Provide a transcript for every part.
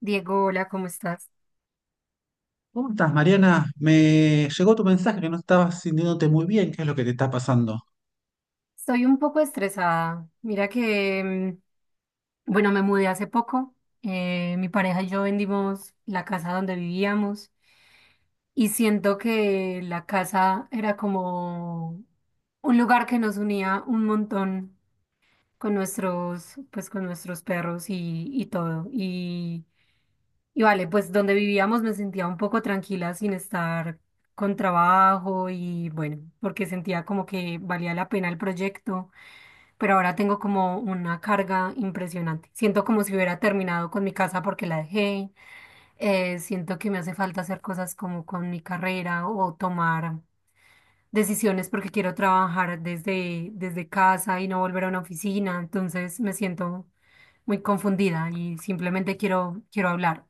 Diego, hola, ¿cómo estás? ¿Cómo estás, Mariana? Me llegó tu mensaje que no estabas sintiéndote muy bien. ¿Qué es lo que te está pasando? Estoy un poco estresada. Mira que, bueno, me mudé hace poco. Mi pareja y yo vendimos la casa donde vivíamos y siento que la casa era como un lugar que nos unía un montón con nuestros, pues con nuestros perros y todo. Y vale, pues donde vivíamos me sentía un poco tranquila sin estar con trabajo y bueno, porque sentía como que valía la pena el proyecto. Pero ahora tengo como una carga impresionante. Siento como si hubiera terminado con mi casa porque la dejé. Siento que me hace falta hacer cosas como con mi carrera o tomar decisiones porque quiero trabajar desde casa y no volver a una oficina. Entonces me siento muy confundida y simplemente quiero hablar.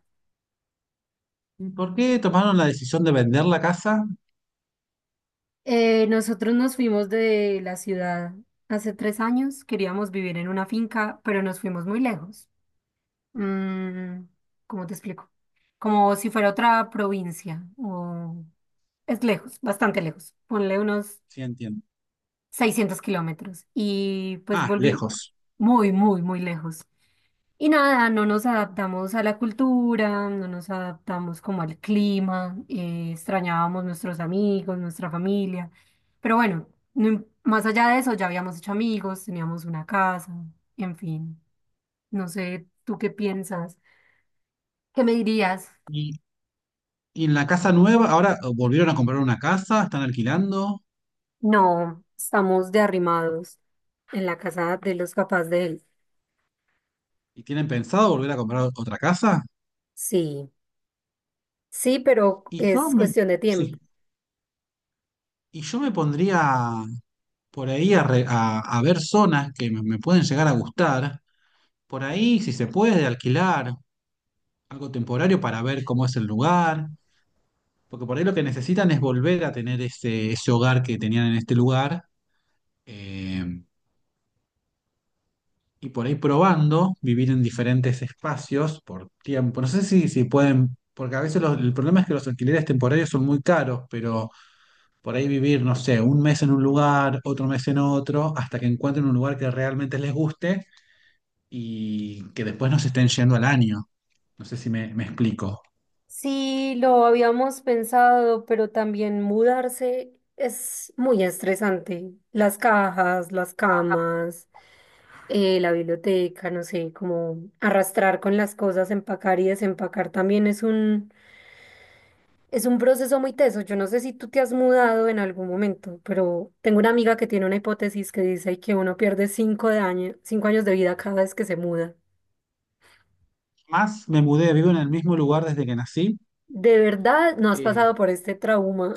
¿Y por qué tomaron la decisión de vender la casa? Nosotros nos fuimos de la ciudad hace 3 años. Queríamos vivir en una finca, pero nos fuimos muy lejos. Mm, ¿Cómo te explico? Como si fuera otra provincia. Es lejos, bastante lejos. Ponle unos Sí, entiendo. 600 km. Y pues Ah, volví lejos. muy, muy, muy lejos. Y nada, no nos adaptamos a la cultura, no nos adaptamos como al clima, extrañábamos nuestros amigos, nuestra familia. Pero bueno, no im- más allá de eso, ya habíamos hecho amigos, teníamos una casa, en fin. No sé, ¿tú qué piensas? ¿Qué me dirías? ¿Y, y en la casa nueva, ahora volvieron a comprar una casa? ¿Están alquilando? No, estamos de arrimados en la casa de los papás de él. ¿Y tienen pensado volver a comprar otra casa? Sí, sí, pero Y yo es me, cuestión de tiempo. sí. Y yo me pondría por ahí a, a ver zonas que me pueden llegar a gustar. Por ahí, si se puede, alquilar algo temporario para ver cómo es el lugar. Porque por ahí lo que necesitan es volver a tener ese hogar que tenían en este lugar. eh, y por ahí probando, vivir en diferentes espacios por tiempo. No sé si pueden, porque a veces el problema es que los alquileres temporarios son muy caros, pero por ahí vivir, no sé, un mes en un lugar, otro mes en otro, hasta que encuentren un lugar que realmente les guste y que después no se estén yendo al año. No sé si me explico. Sí, lo habíamos pensado, pero también mudarse es muy estresante. Las cajas, las camas, la biblioteca, no sé, como arrastrar con las cosas, empacar y desempacar también es Es un proceso muy teso. Yo no sé si tú te has mudado en algún momento, pero tengo una amiga que tiene una hipótesis que dice que uno pierde 5 años de vida cada vez que se muda. Más me mudé, vivo en el mismo lugar desde que nací. De verdad, no has pasado eh, por este trauma.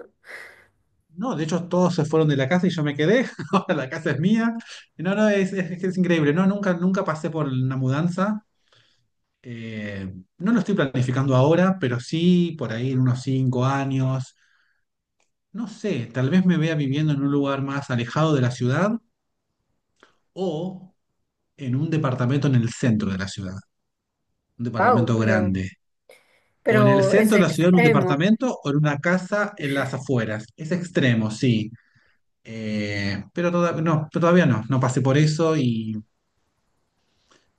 No, de hecho todos se fueron de la casa y yo me quedé, ahora la casa es mía. No, no, es increíble, no, nunca pasé por una mudanza. No lo estoy planificando ahora, pero sí por ahí en unos 5 años. No sé, tal vez me vea viviendo en un lugar más alejado de la ciudad o en un departamento en el centro de la ciudad, un Wow, departamento grande. O en el pero es centro de la ciudad en un extremo. departamento o en una casa en las afueras. Es extremo, sí. Pero, no, pero todavía no pasé por eso y,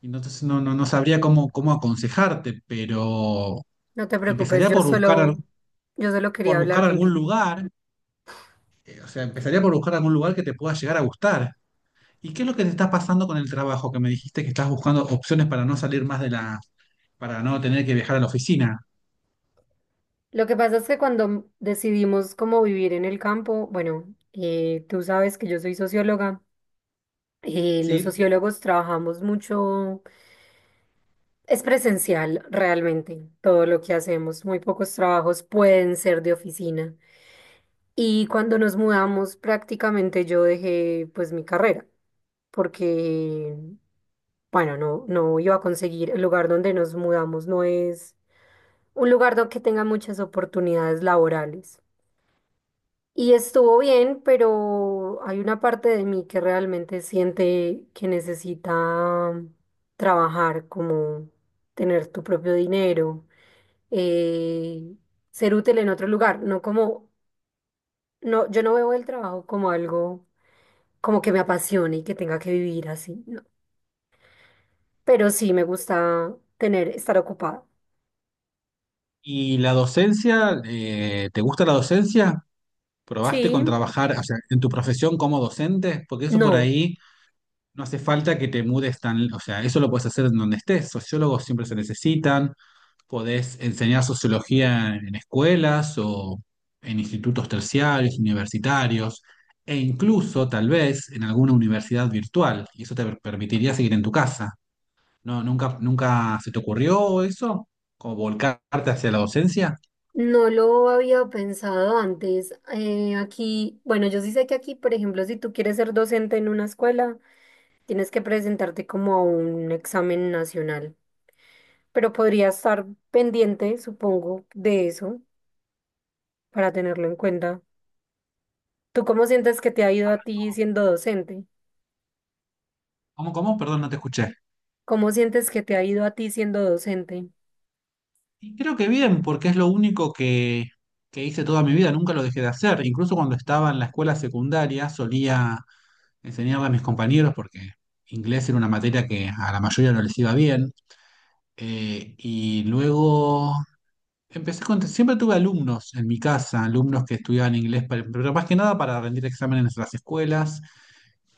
y entonces no sabría cómo aconsejarte, pero No te preocupes, empezaría por buscar, al- yo solo quería por hablar buscar algún contigo. lugar, o sea, empezaría por buscar algún lugar que te pueda llegar a gustar. ¿Y qué es lo que te está pasando con el trabajo? Que me dijiste que estás buscando opciones para no tener que viajar a la oficina, Lo que pasa es que cuando decidimos cómo vivir en el campo, bueno, tú sabes que yo soy socióloga. Eh, los ¿sí? sociólogos trabajamos mucho. Es presencial realmente todo lo que hacemos. Muy pocos trabajos pueden ser de oficina. Y cuando nos mudamos, prácticamente yo dejé pues mi carrera, porque, bueno, no iba a conseguir el lugar donde nos mudamos, no es un lugar donde que tenga muchas oportunidades laborales. Y estuvo bien, pero hay una parte de mí que realmente siente que necesita trabajar, como tener tu propio dinero, eh, ser útil en otro lugar, no como, no, yo no veo el trabajo como algo como que me apasione y que tenga que vivir así, no. Pero sí me gusta tener, estar ocupada. ¿Y la docencia, te gusta la docencia? ¿Probaste Sí, con trabajar, o sea, en tu profesión como docente? Porque eso por no, ahí. No hace falta que te mudes tan, o sea, eso lo puedes hacer en donde estés. Sociólogos siempre se necesitan, podés enseñar sociología en escuelas o en institutos terciarios, universitarios, e incluso tal vez en alguna universidad virtual, y eso te permitiría seguir en tu casa. No, nunca se te ocurrió eso, como volcarte hacia la docencia. no lo había pensado antes. Aquí, bueno, yo sí sé que aquí, por ejemplo, si tú quieres ser docente en una escuela, tienes que presentarte como a un examen nacional, pero podría estar pendiente, supongo, de eso para tenerlo en cuenta. ¿Tú cómo sientes que te ha ido a ti siendo docente? ¿Cómo, cómo? Perdón, no te escuché. ¿Cómo sientes que te ha ido a ti siendo docente? Y creo que bien, porque es lo único que hice toda mi vida, nunca lo dejé de hacer. Incluso cuando estaba en la escuela secundaria solía enseñarle a mis compañeros, porque inglés era una materia que a la mayoría no les iba bien. Y luego empecé con... Siempre tuve alumnos en mi casa, alumnos que estudiaban inglés, pero más que nada para rendir exámenes en las escuelas.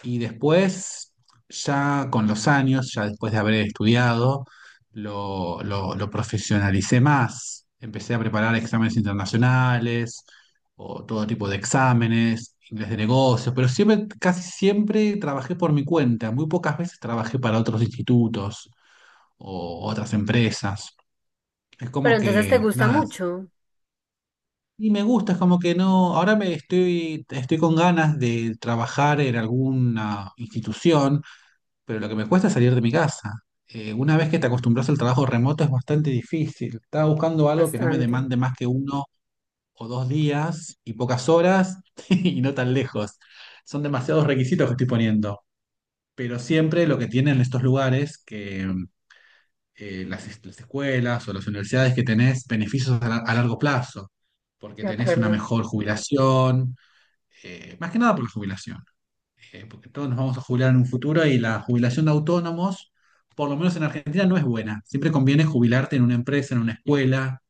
Y después, ya con los años, ya después de haber estudiado, lo profesionalicé más. Empecé a preparar exámenes internacionales o todo tipo de exámenes, inglés de negocios, pero siempre, casi siempre trabajé por mi cuenta. Muy pocas veces trabajé para otros institutos o otras empresas. Es Pero como entonces te que, gusta nada. mucho, Y me gusta, es como que no, ahora me estoy con ganas de trabajar en alguna institución, pero lo que me cuesta es salir de mi casa. Una vez que te acostumbras al trabajo remoto es bastante difícil. Estaba buscando algo que no me bastante, demande más que uno o dos días y pocas horas y no tan lejos. Son demasiados requisitos que estoy poniendo, pero siempre lo que tienen estos lugares, que las escuelas o las universidades, que tenés beneficios a largo plazo, porque de tenés una acuerdo. mejor jubilación. Más que nada por la jubilación. Porque todos nos vamos a jubilar en un futuro y la jubilación de autónomos, por lo menos en Argentina, no es buena. Siempre conviene jubilarte en una empresa, en una escuela,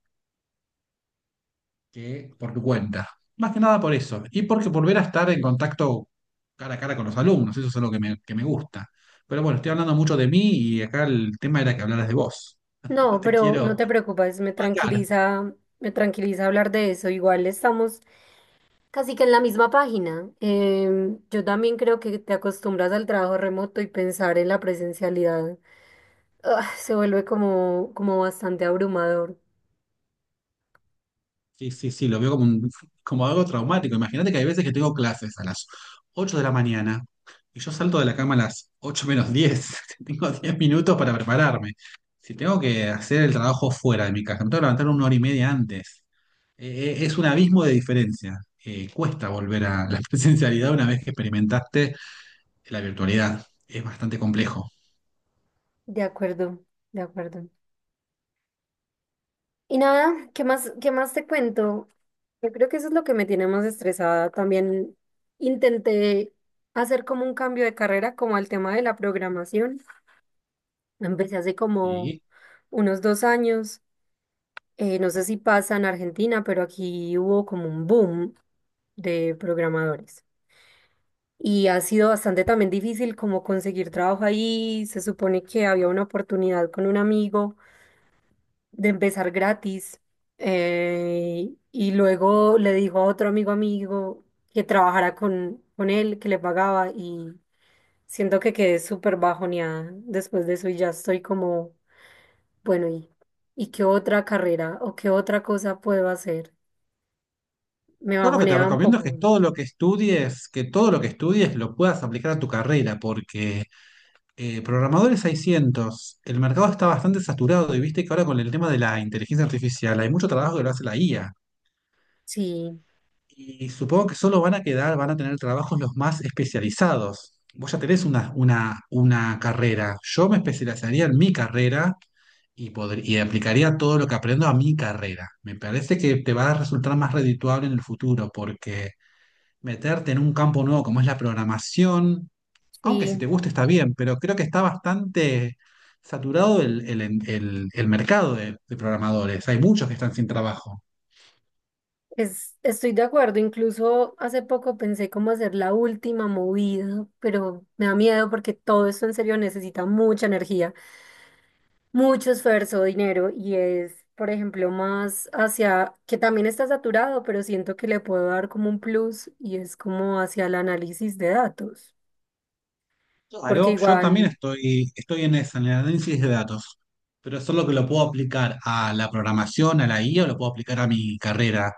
que por tu cuenta. Más que nada por eso. Y porque volver a estar en contacto cara a cara con los alumnos, eso es algo que me gusta. Pero bueno, estoy hablando mucho de mí y acá el tema era que hablaras de vos. No No, te pero no quiero te preocupes, opacar. Me tranquiliza hablar de eso. Igual estamos casi que en la misma página. Yo también creo que te acostumbras al trabajo remoto y pensar en la presencialidad, ah, se vuelve como, como bastante abrumador. Sí, sí, sí, lo veo como, como algo traumático. Imagínate que hay veces que tengo clases a las 8 de la mañana y yo salto de la cama a las 8 menos 10. Tengo 10 minutos para prepararme. Si tengo que hacer el trabajo fuera de mi casa, me tengo que levantar una hora y media antes. Es un abismo de diferencia. Cuesta volver a la presencialidad una vez que experimentaste la virtualidad. Es bastante complejo. De acuerdo, de acuerdo. Y nada, qué más te cuento? Yo creo que eso es lo que me tiene más estresada. También intenté hacer como un cambio de carrera, como al tema de la programación. Empecé hace como Y unos 2 años. No sé si pasa en Argentina, pero aquí hubo como un boom de programadores. Y ha sido bastante también difícil como conseguir trabajo ahí. Se supone que había una oportunidad con un amigo de empezar gratis. Y luego le dijo a otro amigo que trabajara con él, que le pagaba y siento que quedé súper bajoneada después de eso y ya estoy como, bueno, ¿y qué otra carrera o qué otra cosa puedo hacer? Me yo lo que te bajoneaba un recomiendo es que poco. todo lo que estudies, que todo lo que estudies lo puedas aplicar a tu carrera, porque. Programadores hay cientos. El mercado está bastante saturado y viste que ahora con el tema de la inteligencia artificial hay mucho trabajo que lo hace la IA. Sí, Y supongo que solo van a quedar, van a tener trabajos los más especializados. Vos ya tenés una carrera. Yo me especializaría en mi carrera y aplicaría todo lo que aprendo a mi carrera. Me parece que te va a resultar más redituable en el futuro, porque meterte en un campo nuevo como es la programación, aunque si sí, te gusta está bien, pero creo que está bastante saturado el mercado de programadores. Hay muchos que están sin trabajo. Estoy de acuerdo. Incluso hace poco pensé cómo hacer la última movida, pero me da miedo porque todo esto en serio necesita mucha energía, mucho esfuerzo, dinero y es, por ejemplo, más hacia, que también está saturado, pero siento que le puedo dar como un plus y es como hacia el análisis de datos, porque Claro, yo también igual, estoy en esa, en el análisis de datos, pero eso es lo que lo puedo aplicar a la programación, a la IA, o lo puedo aplicar a mi carrera.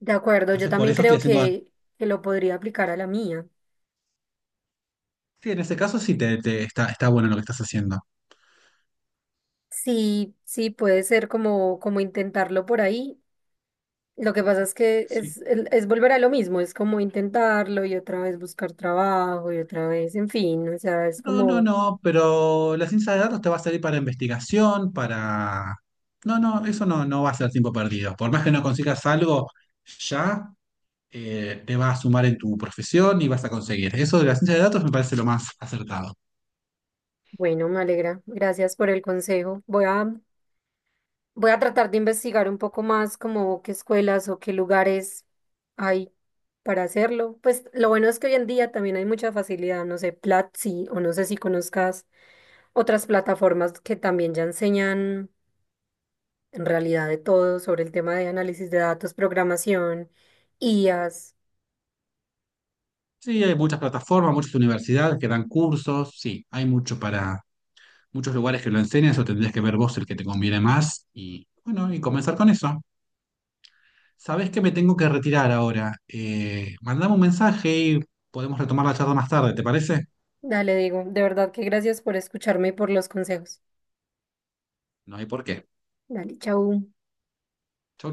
de acuerdo, yo Entonces, por también eso estoy creo haciendo... que lo podría aplicar a la mía. Sí, en ese caso sí te, está bueno lo que estás haciendo. Sí, sí, puede ser como, como intentarlo por ahí. Lo que pasa es que es, es volver a lo mismo, es como intentarlo y otra vez buscar trabajo y otra vez, en fin, o sea, es No, no, como... no, pero la ciencia de datos te va a servir para investigación, para... No, no, eso no va a ser tiempo perdido. Por más que no consigas algo ya, te va a sumar en tu profesión y vas a conseguir. Eso de la ciencia de datos me parece lo más acertado. Bueno, me alegra. Gracias por el consejo. Voy a tratar de investigar un poco más como qué escuelas o qué lugares hay para hacerlo. Pues lo bueno es que hoy en día también hay mucha facilidad, no sé, Platzi o no sé si conozcas otras plataformas que también ya enseñan en realidad de todo sobre el tema de análisis de datos, programación, I as. Sí, hay muchas plataformas, muchas universidades que dan cursos, sí, hay mucho para muchos lugares que lo enseñan, eso tendrías que ver vos el que te conviene más y bueno, y comenzar con eso. Sabés que me tengo que retirar ahora. Mandame un mensaje y podemos retomar la charla más tarde, ¿te parece? Dale, digo, de verdad que gracias por escucharme y por los consejos. No hay por qué. Dale, chau. Chau,